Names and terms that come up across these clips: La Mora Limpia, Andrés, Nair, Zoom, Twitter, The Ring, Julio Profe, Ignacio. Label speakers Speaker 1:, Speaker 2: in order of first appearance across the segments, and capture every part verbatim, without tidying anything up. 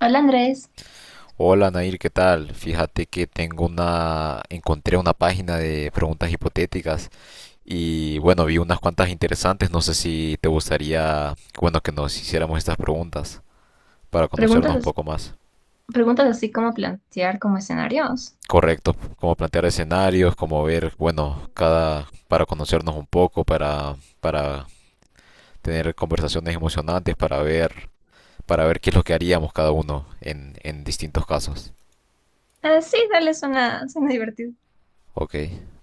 Speaker 1: Hola Andrés.
Speaker 2: Hola Nair, ¿qué tal? Fíjate que tengo una, encontré una página de preguntas hipotéticas y bueno, vi unas cuantas interesantes. No sé si te gustaría, bueno, que nos hiciéramos estas preguntas para
Speaker 1: preguntas,
Speaker 2: conocernos un
Speaker 1: as-
Speaker 2: poco más.
Speaker 1: preguntas así como plantear como escenarios.
Speaker 2: Correcto, como plantear escenarios, como ver, bueno, cada, para conocernos un poco, para, para tener conversaciones emocionantes, para ver, para ver qué es lo que haríamos cada uno en, en distintos casos.
Speaker 1: Ah, sí, dale, suena, suena divertido.
Speaker 2: Ok,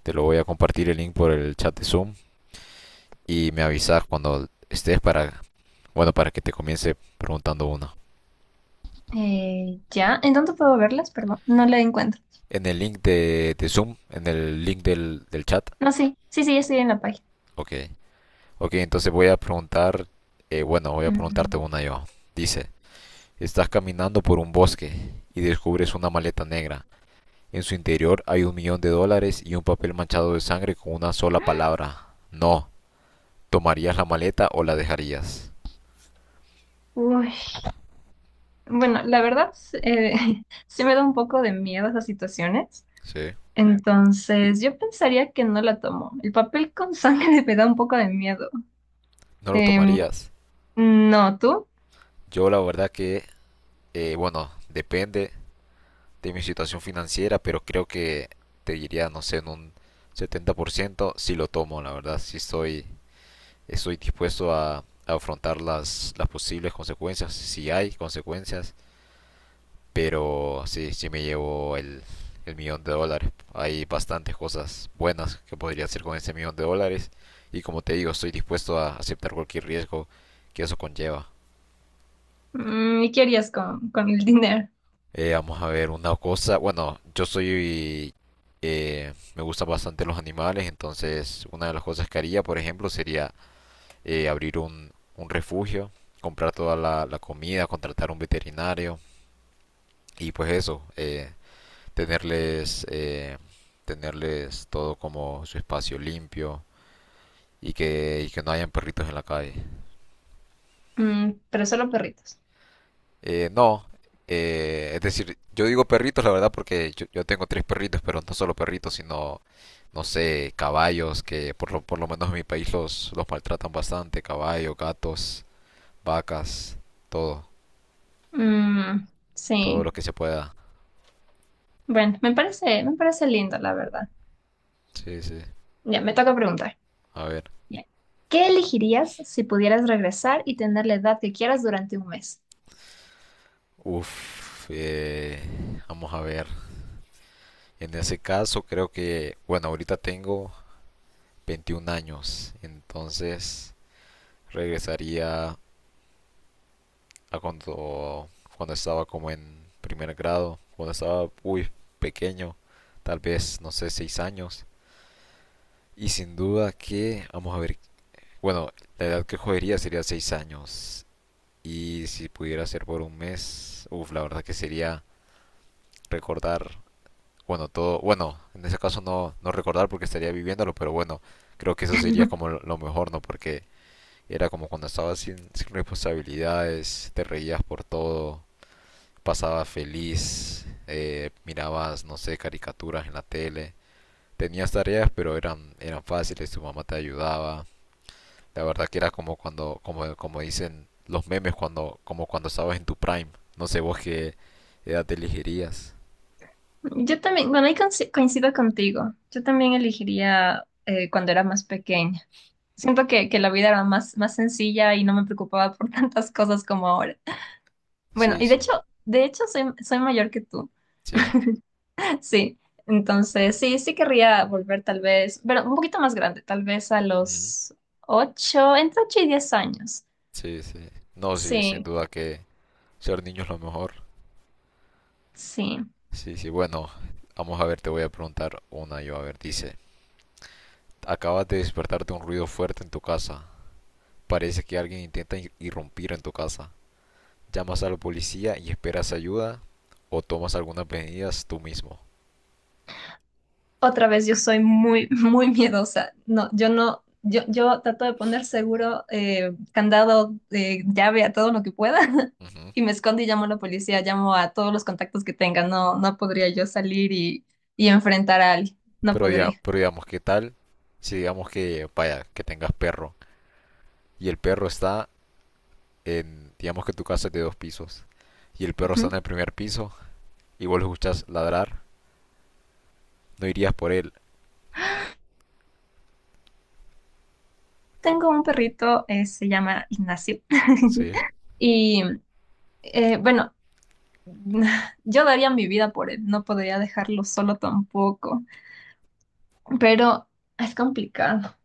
Speaker 2: te lo voy a compartir el link por el chat de Zoom. Y me avisas cuando estés para, bueno, para que te comience preguntando uno.
Speaker 1: Eh, ya, ¿en dónde puedo verlas? Perdón, no la encuentro.
Speaker 2: En el link de, de Zoom, en el link del, del chat.
Speaker 1: No, sí, sí, sí, ya estoy en la página.
Speaker 2: Ok. Ok, entonces voy a preguntar, eh, bueno, voy a preguntarte
Speaker 1: Mm.
Speaker 2: una yo. Dice, estás caminando por un bosque y descubres una maleta negra. En su interior hay un millón de dólares y un papel manchado de sangre con una sola palabra. No. ¿Tomarías la maleta o la dejarías?
Speaker 1: Uy, bueno, la verdad, sí, eh, sí me da un poco de miedo esas situaciones.
Speaker 2: Sí.
Speaker 1: Entonces, yo pensaría que no la tomo. El papel con sangre me da un poco de miedo.
Speaker 2: No lo
Speaker 1: Em,
Speaker 2: tomarías.
Speaker 1: no, ¿tú?
Speaker 2: Yo la verdad que, eh, bueno, depende de mi situación financiera, pero creo que te diría, no sé, en un setenta por ciento si lo tomo, la verdad, si estoy, estoy dispuesto a, a afrontar las, las posibles consecuencias, si hay consecuencias, pero sí, sí me llevo el, el millón de dólares. Hay bastantes cosas buenas que podría hacer con ese millón de dólares y como te digo, estoy dispuesto a aceptar cualquier riesgo que eso conlleva.
Speaker 1: Mm, ¿Y qué harías con, con el dinero?
Speaker 2: Eh, vamos a ver una cosa. Bueno, yo soy... eh, me gustan bastante los animales, entonces una de las cosas que haría, por ejemplo, sería eh, abrir un, un refugio, comprar toda la, la comida, contratar un veterinario y pues eso, eh, tenerles, eh, tenerles todo como su espacio limpio y que, y que no hayan perritos en la calle.
Speaker 1: Mm, pero solo perritos.
Speaker 2: Eh, no, eh, es decir, yo digo perritos, la verdad, porque yo, yo tengo tres perritos, pero no solo perritos, sino, no sé, caballos, que por lo, por lo menos en mi país los, los maltratan bastante, caballos, gatos, vacas, todo,
Speaker 1: Mm,
Speaker 2: todo
Speaker 1: sí.
Speaker 2: lo que se pueda.
Speaker 1: Bueno, me parece, me parece lindo, la verdad.
Speaker 2: Sí, sí.
Speaker 1: Ya, me toca preguntar.
Speaker 2: A ver,
Speaker 1: Ya. ¿Qué elegirías si pudieras regresar y tener la edad que quieras durante un mes?
Speaker 2: uff, vamos a ver. En ese caso, creo que, bueno, ahorita tengo veintiún años, entonces regresaría a cuando, cuando estaba como en primer grado, cuando estaba muy pequeño, tal vez, no sé, seis años. Y sin duda que, vamos a ver, bueno, la edad que jodería sería seis años. Y si pudiera ser por un mes, uff, la verdad que sería recordar, bueno, todo, bueno, en ese caso no, no recordar porque estaría viviéndolo, pero bueno, creo que eso sería como lo lo mejor, ¿no? Porque era como cuando estabas sin, sin responsabilidades, te reías por todo, pasaba feliz, eh, mirabas, no sé, caricaturas en la tele, tenías tareas, pero eran, eran fáciles, tu mamá te ayudaba. La verdad que era como cuando, como, como dicen los memes, cuando, como cuando estabas en tu prime. No sé vos qué edad te elegirías.
Speaker 1: Yo también, bueno, ahí conci- coincido contigo. Yo también elegiría eh, cuando era más pequeña. Siento que, que la vida era más, más sencilla y no me preocupaba por tantas cosas como ahora. Bueno,
Speaker 2: Sí,
Speaker 1: y de
Speaker 2: sí.
Speaker 1: hecho, de hecho soy, soy mayor que tú.
Speaker 2: Sí.
Speaker 1: Sí, entonces sí, sí querría volver tal vez, pero un poquito más grande, tal vez a
Speaker 2: Ujú.
Speaker 1: los ocho, entre ocho y diez años.
Speaker 2: Sí, sí. No, sí, sin
Speaker 1: Sí,
Speaker 2: duda que ser niño es lo mejor.
Speaker 1: sí.
Speaker 2: Sí, sí. Bueno, vamos a ver, te voy a preguntar una yo. A ver, dice, acabas de despertar de un ruido fuerte en tu casa. Parece que alguien intenta irrumpir en tu casa. Llamas a la policía y esperas ayuda o tomas algunas medidas tú mismo.
Speaker 1: Otra vez yo soy muy, muy miedosa. No, yo no, yo, yo trato de poner seguro, eh, candado, eh, llave a todo lo que pueda
Speaker 2: Ujú.
Speaker 1: y me escondo y llamo a la policía, llamo a todos los contactos que tenga. No, no podría yo salir y, y enfrentar a alguien, no
Speaker 2: Pero, diga-
Speaker 1: podría.
Speaker 2: pero digamos, ¿qué tal si digamos que, vaya, que tengas perro y el perro está en, digamos que tu casa es de dos pisos y el perro está en
Speaker 1: Ujú.
Speaker 2: el primer piso y vos lo escuchas ladrar, no irías por él,
Speaker 1: Tengo un perrito, eh, se llama Ignacio.
Speaker 2: ¿sí?
Speaker 1: Y eh, bueno, yo daría mi vida por él, no podría dejarlo solo tampoco, pero es complicado.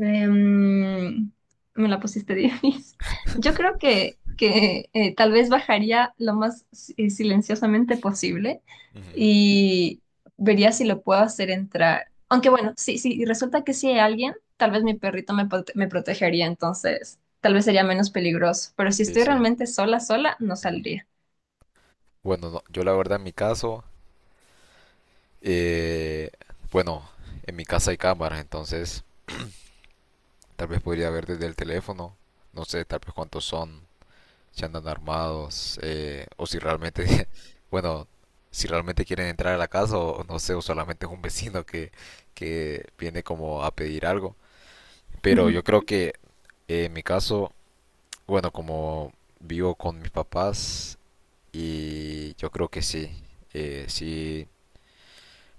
Speaker 1: Em, Me la pusiste difícil. Yo creo que, que eh, tal vez bajaría lo más si- eh, silenciosamente posible
Speaker 2: Ujú.
Speaker 1: y vería si lo puedo hacer entrar. Aunque bueno, si, si resulta que sí hay alguien, tal vez mi perrito me, prote- me protegería, entonces tal vez sería menos peligroso. Pero si
Speaker 2: Sí,
Speaker 1: estoy
Speaker 2: sí.
Speaker 1: realmente sola, sola, no
Speaker 2: Ujú.
Speaker 1: saldría.
Speaker 2: Bueno, no, yo la verdad en mi caso, eh, bueno, en mi casa hay cámaras, entonces tal vez podría ver desde el teléfono. No sé, tal vez cuántos son, si andan armados, eh, o si realmente, bueno, si realmente quieren entrar a la casa, o no sé, o solamente es un vecino que, que viene como a pedir algo. Pero
Speaker 1: Ujú.
Speaker 2: yo creo que eh, en mi caso, bueno, como vivo con mis papás, y yo creo que sí, eh, sí,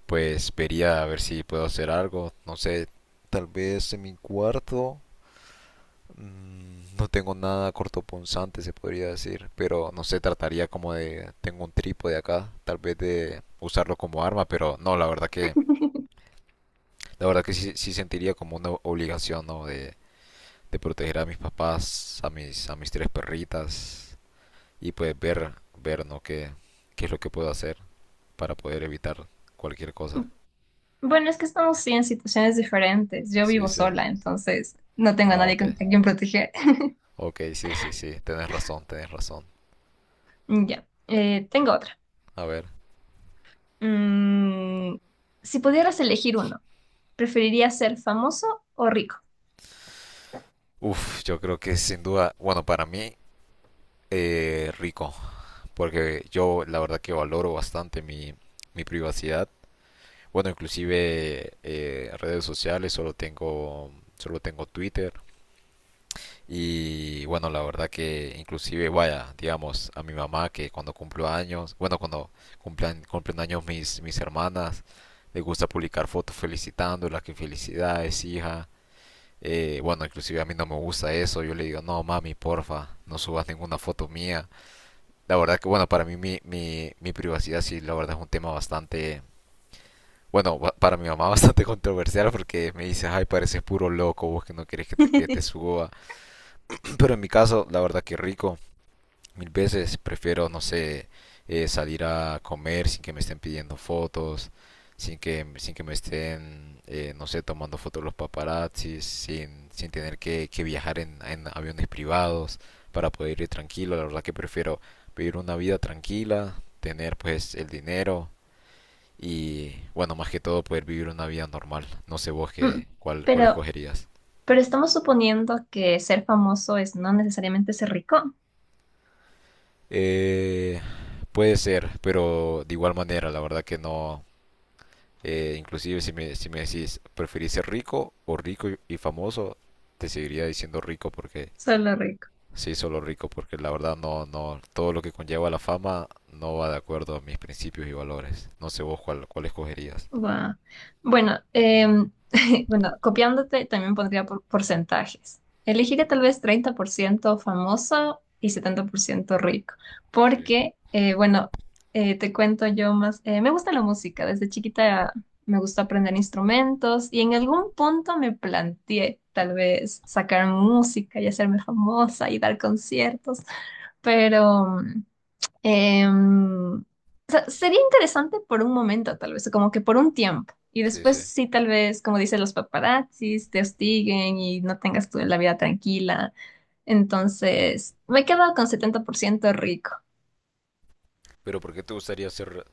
Speaker 2: pues vería a ver si puedo hacer algo, no sé, tal vez en mi cuarto. Mm, No tengo nada cortopunzante, se podría decir, pero no sé, trataría como de, tengo un trípode acá, tal vez de usarlo como arma, pero no, la verdad que, la verdad que sí, sí sentiría como una obligación, ¿no? De, de proteger a mis papás, a mis, a mis tres perritas y pues ver, ver, ¿no? Qué, qué es lo que puedo hacer para poder evitar cualquier cosa.
Speaker 1: Bueno, es que estamos sí en situaciones diferentes. Yo
Speaker 2: Sí,
Speaker 1: vivo
Speaker 2: sí.
Speaker 1: sola, entonces no tengo a
Speaker 2: Ah,
Speaker 1: nadie
Speaker 2: ok.
Speaker 1: con- a quien proteger.
Speaker 2: Ok, sí, sí, sí. Tenés razón, tenés razón.
Speaker 1: Ya, eh, tengo otra.
Speaker 2: A ver.
Speaker 1: Mm, si pudieras elegir uno, ¿preferirías ser famoso o rico?
Speaker 2: Uf, yo creo que sin duda, bueno, para mí eh, rico, porque yo la verdad que valoro bastante mi, mi privacidad. Bueno, inclusive eh, redes sociales, solo tengo, solo tengo Twitter. Y bueno, la verdad que inclusive, vaya, digamos, a mi mamá que cuando cumplo años, bueno, cuando cumplan, cumplen años mis, mis hermanas, le gusta publicar fotos felicitándolas, que felicidades, hija. Eh, bueno, inclusive a mí no me gusta eso, yo le digo, no, mami, porfa, no subas ninguna foto mía. La verdad que, bueno, para mí mi, mi, mi privacidad sí, la verdad es un tema bastante, bueno, ba- para mi mamá bastante controversial porque me dice, ay, pareces puro loco, vos que no querés que te, que te suba. Pero en mi caso, la verdad que rico. Mil veces prefiero, no sé, eh, salir a comer sin que me estén pidiendo fotos, sin que, sin que me estén, eh, no sé, tomando fotos los paparazzis, sin, sin tener que, que viajar en, en aviones privados para poder ir tranquilo. La verdad que prefiero vivir una vida tranquila, tener pues el dinero y, bueno, más que todo poder vivir una vida normal. No sé vos
Speaker 1: Mm,
Speaker 2: qué, cuál, cuál
Speaker 1: pero,
Speaker 2: escogerías.
Speaker 1: pero estamos suponiendo que ser famoso es no necesariamente ser rico,
Speaker 2: Eh, Puede ser, pero de igual manera, la verdad que no. Eh, inclusive si me, si me decís, ¿preferís ser rico o rico y, y famoso? Te seguiría diciendo rico porque
Speaker 1: solo rico.
Speaker 2: sí, solo rico, porque la verdad no, no, todo lo que conlleva la fama no va de acuerdo a mis principios y valores. No sé vos cuál, cuál escogerías.
Speaker 1: Guau. Bueno, em, bueno, copiándote también pondría por porcentajes. Elegiría tal vez treinta por ciento famoso y setenta por ciento rico,
Speaker 2: Sí.
Speaker 1: porque, eh, bueno, eh, te cuento yo más, eh, me gusta la música. Desde chiquita me gusta aprender instrumentos y en algún punto me planteé tal vez sacar música y hacerme famosa y dar conciertos, pero em, sería interesante por un momento, tal vez, como que por un tiempo. Y
Speaker 2: Sí, sí.
Speaker 1: después sí, tal vez, como dicen los paparazzis, te hostiguen y no tengas tú la vida tranquila. Entonces, me quedo con setenta por ciento rico.
Speaker 2: Pero ¿por qué te gustaría ser,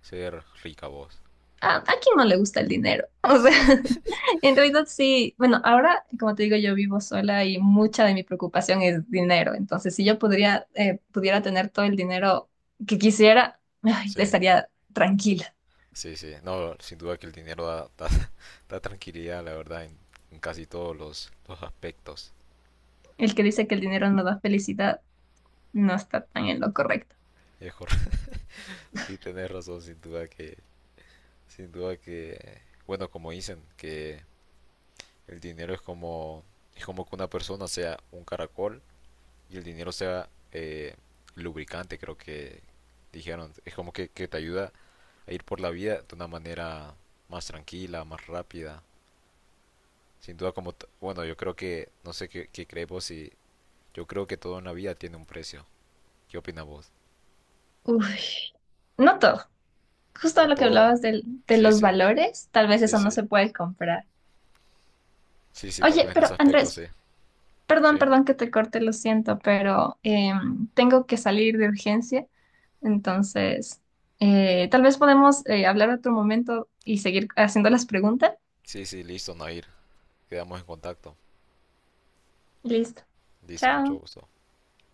Speaker 2: ser rica vos?
Speaker 1: ¿A, a quién no le gusta el dinero? O sea,
Speaker 2: Sí,
Speaker 1: en realidad sí. Bueno, ahora, como te digo, yo vivo sola y mucha de mi preocupación es dinero. Entonces, si yo podría, eh, pudiera tener todo el dinero que quisiera, ay,
Speaker 2: sí,
Speaker 1: estaría tranquila.
Speaker 2: sí, sí. No, sin duda que el dinero da, da, da tranquilidad, la verdad, en, en casi todos los, los aspectos.
Speaker 1: El que dice que el dinero no da felicidad no está tan en lo correcto.
Speaker 2: Es cor- Sí, tenés razón, sin duda que. Sin duda que, bueno, como dicen, que el dinero es como, es como que una persona sea un caracol y el dinero sea eh, lubricante, creo que dijeron. Es como que, que te ayuda a ir por la vida de una manera más tranquila, más rápida. Sin duda, como, t- bueno, yo creo que, no sé qué, qué crees vos y yo creo que todo en la vida tiene un precio. ¿Qué opinas vos?
Speaker 1: Uy, no todo. Justo
Speaker 2: No
Speaker 1: lo que
Speaker 2: todo.
Speaker 1: hablabas del- de,
Speaker 2: Sí,
Speaker 1: los
Speaker 2: sí,
Speaker 1: valores, tal vez
Speaker 2: sí,
Speaker 1: eso
Speaker 2: sí.
Speaker 1: no se puede comprar.
Speaker 2: Sí, sí, tal
Speaker 1: Oye,
Speaker 2: vez en ese
Speaker 1: pero
Speaker 2: aspecto, sí.
Speaker 1: Andrés, perdón,
Speaker 2: Sí,
Speaker 1: perdón que te corte, lo siento, pero em, tengo que salir de urgencia. Entonces, eh, tal vez podemos eh, hablar otro momento y seguir haciendo las preguntas.
Speaker 2: sí, sí, listo, Nair. Quedamos en contacto.
Speaker 1: Listo.
Speaker 2: Listo, mucho
Speaker 1: Chao.
Speaker 2: gusto.